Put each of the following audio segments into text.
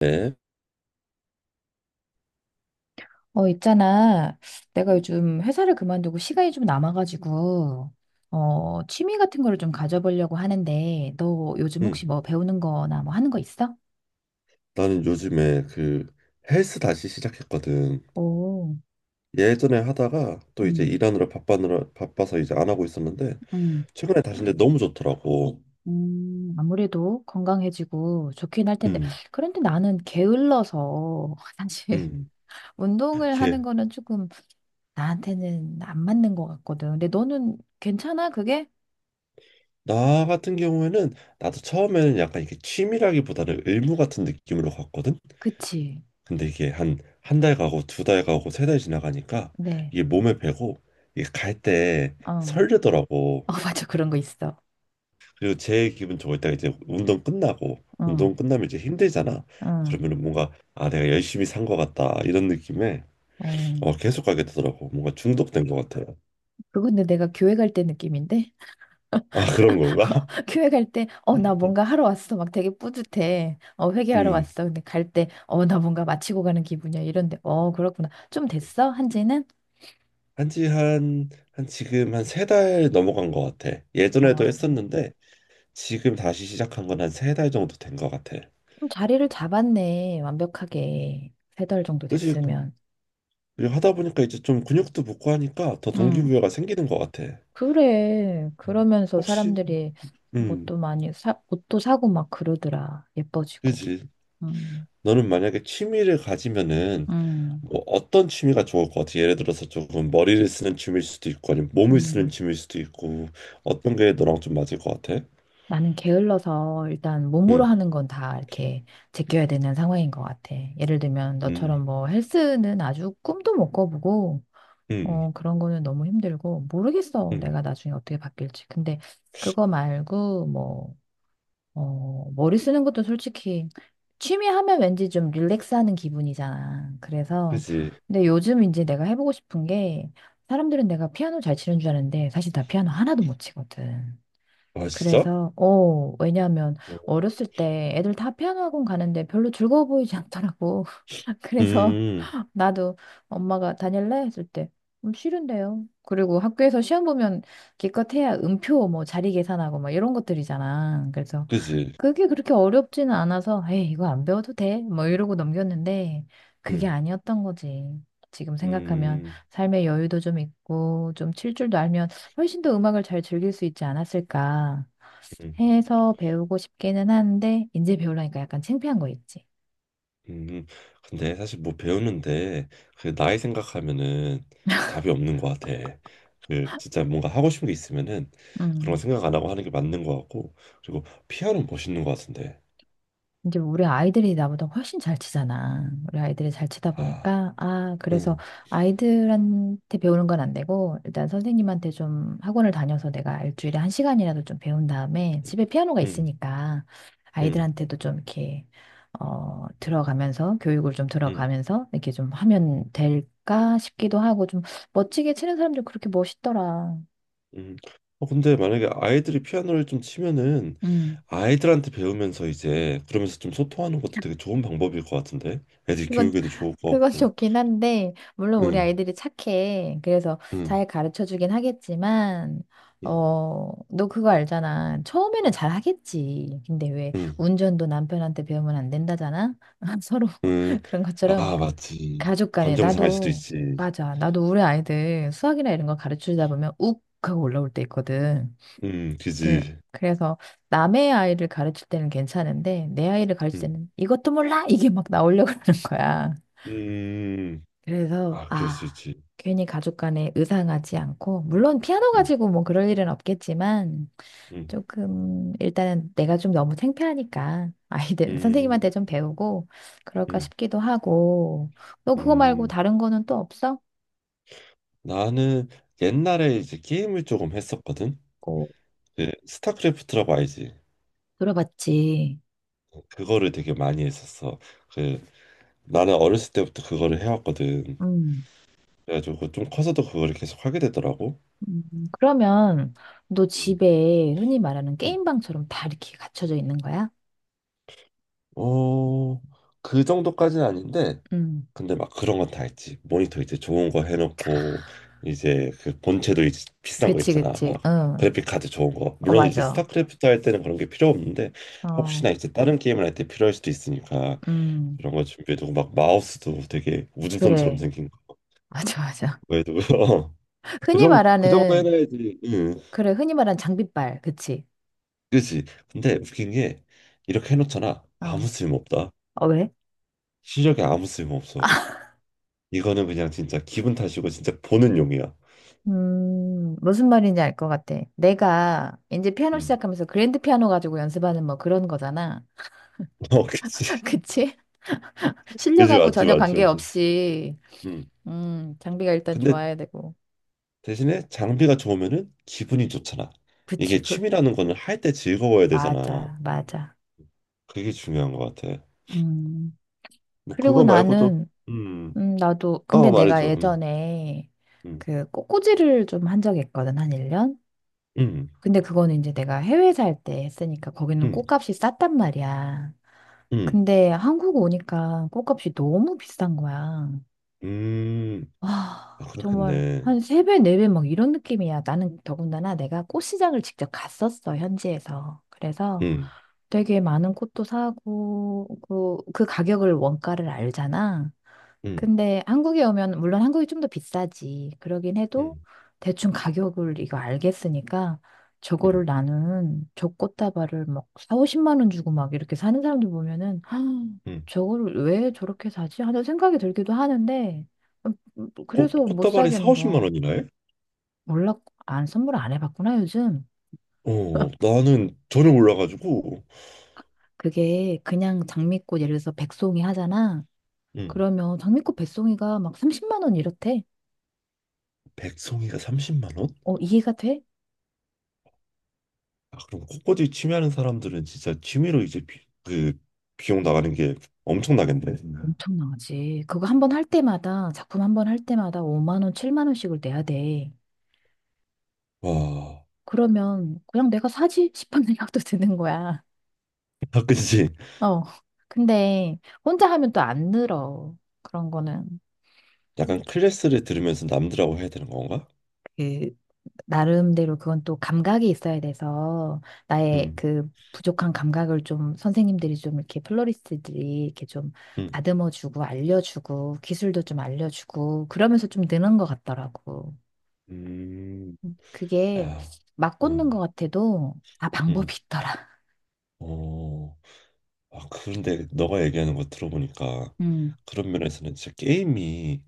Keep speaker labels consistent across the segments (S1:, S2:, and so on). S1: 네.
S2: 있잖아. 내가 요즘 회사를 그만두고 시간이 좀 남아가지고, 취미 같은 거를 좀 가져보려고 하는데, 너 요즘 혹시
S1: 음.
S2: 뭐 배우는 거나 뭐 하는 거 있어?
S1: 나는 요즘에 그 헬스 다시 시작했거든.
S2: 오,
S1: 예전에 하다가 또 이제
S2: 음,
S1: 일하느라 바빠느라 바빠서 이제 안 하고 있었는데
S2: 음,
S1: 최근에 다시 근데 너무 좋더라고.
S2: 아무래도 건강해지고 좋긴 할 텐데,
S1: 음.
S2: 그런데 나는 게을러서, 사실,
S1: 음.
S2: 운동을 하는
S1: 이게
S2: 거는 조금 나한테는 안 맞는 것 같거든. 근데 너는 괜찮아, 그게?
S1: 나 같은 경우에는 나도 처음에는 약간 이게 취미라기보다는 의무 같은 느낌으로 갔거든.
S2: 그치.
S1: 근데 이게 한 한 달 가고 두 달 가고 세 달 지나가니까
S2: 네,
S1: 이게 몸에 배고 이게 갈 때
S2: 어.
S1: 설레더라고.
S2: 어, 맞아. 그런 거 있어.
S1: 그리고 제 기분 좋을 때가 이제 운동 끝나고
S2: 응,
S1: 운동 끝나면 이제 힘들잖아.
S2: 응.
S1: 그러면은 뭔가 아 내가 열심히 산 것 같다 이런 느낌에
S2: 어,
S1: 어 계속 가게 되더라고. 뭔가 중독된 것 같아요.
S2: 그건데 내가 교회 갈 때 느낌인데?
S1: 아 그런 건가?
S2: 교회 갈 때, 나 뭔가 하러 왔어. 막 되게 뿌듯해. 회개하러
S1: 음.
S2: 왔어. 근데 갈 때, 나 뭔가 마치고 가는 기분이야. 이런데, 그렇구나. 좀 됐어? 한지는?
S1: 한지 한 지금 한 세 달 넘어간 것 같아. 예전에도
S2: 어
S1: 했었는데 지금 다시 시작한 건 한 세 달 정도 된 것 같아.
S2: 좀 자리를 잡았네. 완벽하게. 세 달 정도
S1: 그지?
S2: 됐으면.
S1: 그리고 하다 보니까 이제 좀 근육도 붙고 하니까 더
S2: 음
S1: 동기부여가 생기는 것 같아.
S2: 그래. 그러면서
S1: 혹시,
S2: 사람들이 뭐
S1: 음,
S2: 또 많이 옷도 사고 막 그러더라. 예뻐지고.
S1: 그지?
S2: 음,
S1: 너는 만약에 취미를 가지면은
S2: 음,
S1: 뭐 어떤 취미가 좋을 것 같아? 예를 들어서 조금 머리를 쓰는 취미일 수도 있고 아니면 몸을 쓰는
S2: 음.
S1: 취미일 수도 있고 어떤 게 너랑 좀 맞을 것 같아?
S2: 나는 게을러서 일단 몸으로
S1: 응,
S2: 하는 건 다 이렇게 제껴야 되는 상황인 것 같아. 예를 들면
S1: 응.
S2: 너처럼 뭐 헬스는 아주 꿈도 못 꿔보고
S1: 응.
S2: 그런 거는 너무 힘들고 모르겠어.
S1: 응.
S2: 내가 나중에 어떻게 바뀔지. 근데 그거 말고 뭐 머리 쓰는 것도 솔직히 취미 하면 왠지 좀 릴렉스하는 기분이잖아. 그래서
S1: 그지?
S2: 근데 요즘 이제 내가 해보고 싶은 게 사람들은 내가 피아노 잘 치는 줄 아는데 사실 나 피아노 하나도 못 치거든.
S1: 아 진짜?
S2: 그래서, 왜냐하면
S1: 어.
S2: 어렸을 때 애들 다 피아노 학원 가는데 별로 즐거워 보이지 않더라고. 그래서
S1: 음,
S2: 나도 엄마가 다닐래? 했을 때, 싫은데요. 그리고 학교에서 시험 보면 기껏 해야 음표 뭐 자리 계산하고 막 이런 것들이잖아. 그래서
S1: 그지?
S2: 그게 그렇게 어렵지는 않아서, 에이, 이거 안 배워도 돼. 뭐 이러고 넘겼는데 그게
S1: 응,
S2: 아니었던 거지. 지금 생각하면
S1: 음,
S2: 삶의 여유도 좀 있고 좀 칠 줄도 알면 훨씬 더 음악을 잘 즐길 수 있지 않았을까.
S1: 음, 음.
S2: 해서 배우고 싶기는 한데 이제 배우려니까 약간 창피한 거 있지.
S1: 음. 근데 사실 뭐 배우는데 그 나이 생각하면은 답이 없는 것 같아. 그 진짜 뭔가 하고 싶은 게 있으면은 그런 거
S2: 음.
S1: 생각 안 하고 하는 게 맞는 것 같고 그리고 피아노 멋있는 것 같은데.
S2: 이제 우리 아이들이 나보다 훨씬 잘 치잖아. 우리 아이들이 잘 치다
S1: 아.
S2: 보니까 아, 그래서
S1: 응.
S2: 아이들한테 배우는 건 안 되고 일단 선생님한테 좀 학원을 다녀서 내가 일주일에 한 시간이라도 좀 배운 다음에 집에 피아노가
S1: 음,
S2: 있으니까
S1: 음,
S2: 아이들한테도 좀 이렇게 들어가면서 교육을 좀
S1: 음,
S2: 들어가면서 이렇게 좀 하면 될까 싶기도 하고 좀 멋지게 치는 사람들 그렇게 멋있더라.
S1: 음. 어, 근데 만약에 아이들이 피아노를 좀 치면은
S2: 음.
S1: 아이들한테 배우면서 이제 그러면서 좀 소통하는 것도 되게 좋은 방법일 것 같은데 애들 교육에도 좋을 것
S2: 그건
S1: 같고.
S2: 좋긴 한데, 물론 우리
S1: 응,
S2: 아이들이 착해. 그래서
S1: 응,
S2: 잘 가르쳐 주긴 하겠지만,
S1: 응,
S2: 너 그거 알잖아. 처음에는 잘 하겠지. 근데 왜
S1: 응,
S2: 운전도 남편한테 배우면 안 된다잖아? 서로
S1: 응.
S2: 그런 것처럼
S1: 아, 맞지.
S2: 가족 간에
S1: 감정 상할 수도
S2: 나도,
S1: 있지.
S2: 맞아. 나도 우리 아이들 수학이나 이런 거 가르쳐 주다 보면 욱 하고 올라올 때 있거든. 그-
S1: 그지.
S2: 그래서 남의 아이를 가르칠 때는 괜찮은데, 내 아이를 가르칠
S1: 음,
S2: 때는 이것도 몰라! 이게 막 나오려고 그러는 거야.
S1: 음.
S2: 그래서
S1: 아, 그럴
S2: 아,
S1: 수 있지.
S2: 괜히 가족 간에 의상하지 않고 물론 피아노
S1: 음,
S2: 가지고 뭐 그럴 일은 없겠지만
S1: 음,
S2: 조금 일단은 내가 좀 너무 창피하니까 아이들
S1: 음,
S2: 선생님한테 좀 배우고 그럴까
S1: 음,
S2: 싶기도 하고 너 그거 말고
S1: 음.
S2: 다른 거는 또 없어?
S1: 나는 옛날에 이제 게임을 조금 했었거든.
S2: 어,
S1: 그 스타크래프트라고 알지?
S2: 들어봤지.
S1: 그거를 되게 많이 했었어. 그 나는 어렸을 때부터 그거를 해왔거든.
S2: 음.
S1: 그래가지고 그 좀 커서도 그거를 계속 하게 되더라고.
S2: 그러면 너
S1: 음.
S2: 집에 흔히 말하는
S1: 음.
S2: 게임방처럼 다 이렇게 갖춰져 있는 거야?
S1: 어, 그 정도까지는 아닌데,
S2: 음.
S1: 근데 막 그런 건 다 했지. 모니터 이제 좋은 거 해놓고 이제 그 본체도 이제 비싼 거
S2: 그치,
S1: 있잖아.
S2: 그치.
S1: 막
S2: 응.
S1: 그래픽 카드 좋은 거.
S2: 어,
S1: 물론 이제
S2: 맞아.
S1: 스타크래프트 할 때는 그런 게 필요 없는데
S2: 어.
S1: 혹시나 이제 다른 게임을 할 때 필요할 수도 있으니까
S2: 음.
S1: 그런 거 준비해두고 막 마우스도 되게 우주선처럼
S2: 그래.
S1: 생긴
S2: 맞아, 맞아.
S1: 그도 그
S2: 흔히
S1: 정도, 그 정도
S2: 말하는,
S1: 해놔야지. 응,
S2: 그래, 흔히 말하는 장비빨, 그치?
S1: 그치. 근데 웃긴 게 이렇게 해놓잖아. 아무
S2: 어.
S1: 쓸모없다.
S2: 어, 왜?
S1: 실력이 아무 쓸모없어. 이거는 그냥 진짜 기분 탓이고 진짜 보는 용이야.
S2: 무슨 말인지 알 것 같아. 내가 이제 피아노
S1: 응.
S2: 시작하면서 그랜드 피아노 가지고 연습하는 뭐 그런 거잖아.
S1: 어, 그치.
S2: 그치?
S1: 그치,
S2: 실력하고
S1: 맞지,
S2: 전혀
S1: 맞지, 맞지.
S2: 관계없이,
S1: 응.
S2: 장비가 일단
S1: 근데
S2: 좋아야 되고.
S1: 대신에 장비가 좋으면은 기분이 좋잖아.
S2: 그치,
S1: 이게 취미라는 거는 할 때 즐거워야 되잖아.
S2: 맞아, 맞아.
S1: 그게 중요한 것 같아.
S2: 음,
S1: 뭐
S2: 그리고
S1: 그거 말고도
S2: 나는,
S1: 음, 어,
S2: 근데 내가
S1: 말해줘.
S2: 예전에
S1: 음,
S2: 그 꽃꽂이를 좀 한 적이 있거든, 한 1년?
S1: 음,
S2: 근데 그거는 이제 내가 해외 살 때 했으니까 거기는
S1: 음,
S2: 꽃값이 쌌단 말이야.
S1: 음,
S2: 근데 한국 오니까 꽃값이 너무 비싼 거야.
S1: 음. 아,
S2: 와, 정말
S1: 그렇겠네.
S2: 한 세 배 네 배 막 이런 느낌이야. 나는 더군다나 내가 꽃시장을 직접 갔었어, 현지에서. 그래서
S1: 응,
S2: 되게 많은 꽃도 사고, 그, 그 가격을 원가를 알잖아.
S1: 응,
S2: 근데 한국에 오면 물론 한국이 좀 더 비싸지. 그러긴 해도
S1: 응,
S2: 대충 가격을 이거 알겠으니까
S1: 응,
S2: 저거를 나는 저 꽃다발을 막사 50만 원 주고 막 이렇게 사는 사람들 보면은 아,
S1: 응.
S2: 저거를 왜 저렇게 사지? 하는 생각이 들기도 하는데 뭐 그래서 못
S1: 꽃다발이 4,
S2: 사겠는
S1: 50만
S2: 거야.
S1: 원이나 해?
S2: 몰라 안 선물 안 해봤구나 요즘.
S1: 어, 나는 전혀 몰라가지고.
S2: 그게 그냥 장미꽃 예를 들어서 백송이 하잖아.
S1: 응,
S2: 그러면 장미꽃 백송이가 막 30만 원 이렇대.
S1: 백송이가 30만 원?
S2: 이해가 돼?
S1: 아, 그럼 꽃꽂이 취미하는 사람들은 진짜 취미로 이제 그 비용 나가는 게 엄청나겠네.
S2: 엄청나지. 그거 한 번 할 때마다, 작품 한 번 할 때마다 5만 원, 7만 원씩을 내야 돼.
S1: 와,
S2: 그러면 그냥 내가 사지 싶은 생각도 드는 거야.
S1: 아, 그치.
S2: 어. 근데 혼자 하면 또 안 늘어. 그런 거는.
S1: 약간 클래스를 들으면서 남들하고 해야 되는 건가?
S2: 그, 나름대로 그건 또 감각이 있어야 돼서, 나의
S1: 응,
S2: 그 부족한 감각을 좀 선생님들이 좀 이렇게 플로리스트들이 이렇게 좀
S1: 응,
S2: 다듬어주고, 알려주고, 기술도 좀 알려주고, 그러면서 좀 느는 것 같더라고.
S1: 음,
S2: 그게
S1: 아,
S2: 막 꽂는 것
S1: 응,
S2: 같아도 다
S1: 응,
S2: 방법이 있더라.
S1: 어. 아, 그런데 너가 얘기하는 거 들어보니까
S2: 음.
S1: 그런 면에서는 진짜 게임이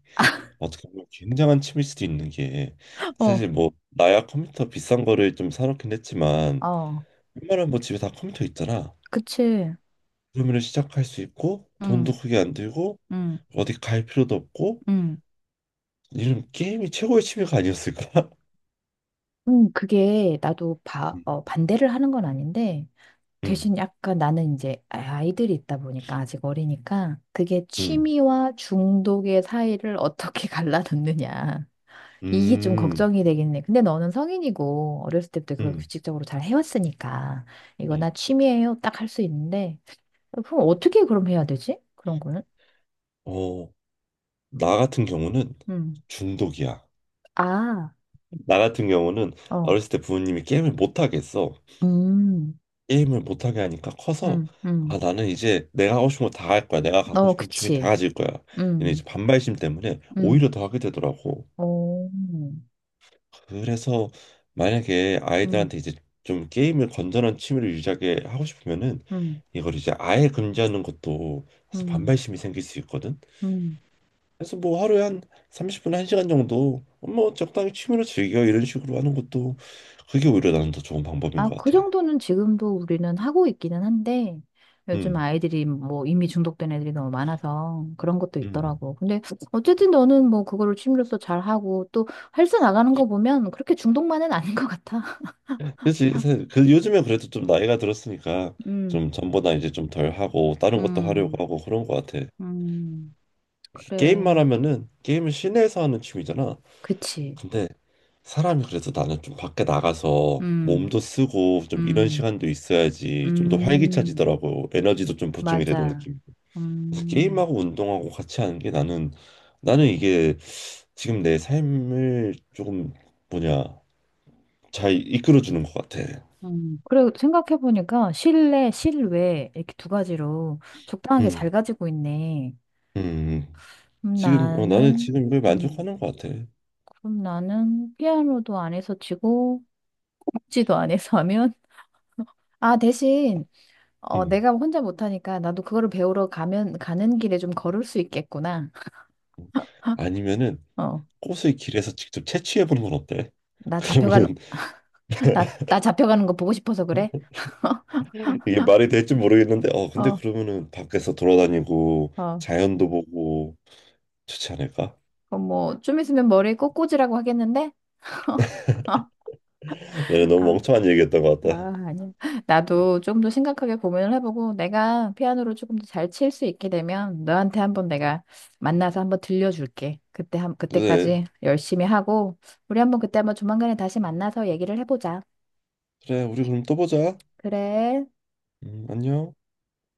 S1: 어떻게 보면 굉장한 취미일 수도 있는 게
S2: 어,
S1: 사실 뭐 나야 컴퓨터 비싼 거를 좀 사놓긴 했지만
S2: 어,
S1: 웬만한 뭐 집에 다 컴퓨터 있잖아.
S2: 그치.
S1: 그러면 시작할 수 있고 돈도
S2: 응,
S1: 크게 안 들고
S2: 응,
S1: 어디 갈 필요도 없고
S2: 응.
S1: 이런 게임이 최고의 취미가 아니었을까?
S2: 그게 나도
S1: 음,
S2: 반대를 하는 건 아닌데,
S1: 음,
S2: 대신 약간 나는 이제 아이들이 있다 보니까 아직 어리니까, 그게
S1: 음,
S2: 취미와 중독의 사이를 어떻게 갈라놓느냐. 이게 좀
S1: 음,
S2: 걱정이 되겠네. 근데 너는 성인이고, 어렸을 때부터 그걸
S1: 음.
S2: 규칙적으로 잘 해왔으니까, 이거
S1: 음.
S2: 나 취미예요. 딱 할 수 있는데, 그럼 어떻게 그럼 해야 되지? 그런 거는?
S1: 어, 나 같은 경우는
S2: 음.
S1: 중독이야.
S2: 아,
S1: 나 같은 경우는
S2: 어.
S1: 어렸을 때 부모님이 게임을 못하게 했어.
S2: 음,
S1: 게임을 못하게 하니까 커서
S2: 음,
S1: 아
S2: 음.
S1: 나는 이제 내가 하고 싶은 거 다 할 거야. 내가 갖고
S2: 어,
S1: 싶은 취미 다
S2: 그치.
S1: 가질 거야. 이런 이제
S2: 음,
S1: 반발심 때문에 오히려
S2: 음.
S1: 더 하게 되더라고.
S2: 어,
S1: 그래서 만약에
S2: 음,
S1: 아이들한테 이제 좀 게임을 건전한 취미를 유지하게 하고 싶으면은 이걸 이제 아예 금지하는 것도 사실
S2: 음,
S1: 반발심이 생길 수 있거든.
S2: 음.
S1: 그래서 뭐 하루에 한 30분, 1시간 정도 뭐 적당히 취미로 즐겨 이런 식으로 하는 것도 그게 오히려 나는 더 좋은 방법인
S2: 아,
S1: 것
S2: 그
S1: 같아.
S2: 정도는 지금도 우리는 하고 있기는 한데, 요즘
S1: 음,
S2: 아이들이 뭐 이미 중독된 애들이 너무 많아서 그런 것도
S1: 음.
S2: 있더라고. 근데 어쨌든 너는 뭐 그거를 취미로서 잘하고 또 헬스 나가는 거 보면 그렇게 중독만은 아닌 것 같아.
S1: 그치. 지그 요즘에 그래도 좀 나이가 들었으니까 좀
S2: 음,
S1: 전보다 이제 좀 덜 하고 다른 것도 하려고
S2: 음,
S1: 하고 그런 것 같아.
S2: 음.
S1: 이렇게
S2: 그래.
S1: 게임만 하면은 게임은 실내에서 하는 취미잖아.
S2: 그치.
S1: 근데 사람이 그래서 나는 좀 밖에 나가서
S2: 음,
S1: 몸도 쓰고 좀 이런
S2: 음,
S1: 시간도 있어야지 좀 더
S2: 음,
S1: 활기차지더라고. 에너지도 좀 보충이 되는
S2: 맞아.
S1: 느낌. 그래서
S2: 음,
S1: 게임하고 운동하고 같이 하는 게 나는 이게 지금 내 삶을 조금 뭐냐 잘 이끌어주는 것 같아.
S2: 그래, 생각해보니까 실내, 실외 이렇게 두 가지로 적당하게 잘 가지고 있네.
S1: 음,
S2: 그럼
S1: 나는
S2: 나는,
S1: 지금 이걸
S2: 음,
S1: 만족하는 것 같아.
S2: 그럼 나는 피아노도 안 해서 치고, 복지도 안 해서 하면, 아, 대신,
S1: 음.
S2: 내가 혼자 못하니까 나도 그거를 배우러 가면, 가는 길에 좀 걸을 수 있겠구나.
S1: 아니면은
S2: 어,
S1: 꽃을 길에서 직접 채취해 보는 건 어때?
S2: 나 잡혀가는,
S1: 그러면은
S2: 나 잡혀가는 거 보고 싶어서 그래?
S1: 이게 말이 될지 모르겠는데, 근데
S2: 어,
S1: 그러면은 밖에서 돌아다니고
S2: 어.
S1: 자연도 보고 좋지 않을까?
S2: 그럼 뭐, 좀 있으면 머리 꼬꼬지라고 하겠는데? 아,
S1: 얘는 너무 멍청한 얘기했던 것 같다.
S2: 아, 아니야. 나도 조금 더 심각하게 고민을 해보고 내가 피아노를 조금 더 잘 칠 수 있게 되면 너한테 한번 내가 만나서 한번 들려줄게. 그때 한
S1: 그래,
S2: 그때까지 열심히 하고 우리 한번 그때 한번 조만간에 다시 만나서 얘기를 해보자.
S1: 그래, 우리 그럼 또 보자.
S2: 그래.
S1: 안녕.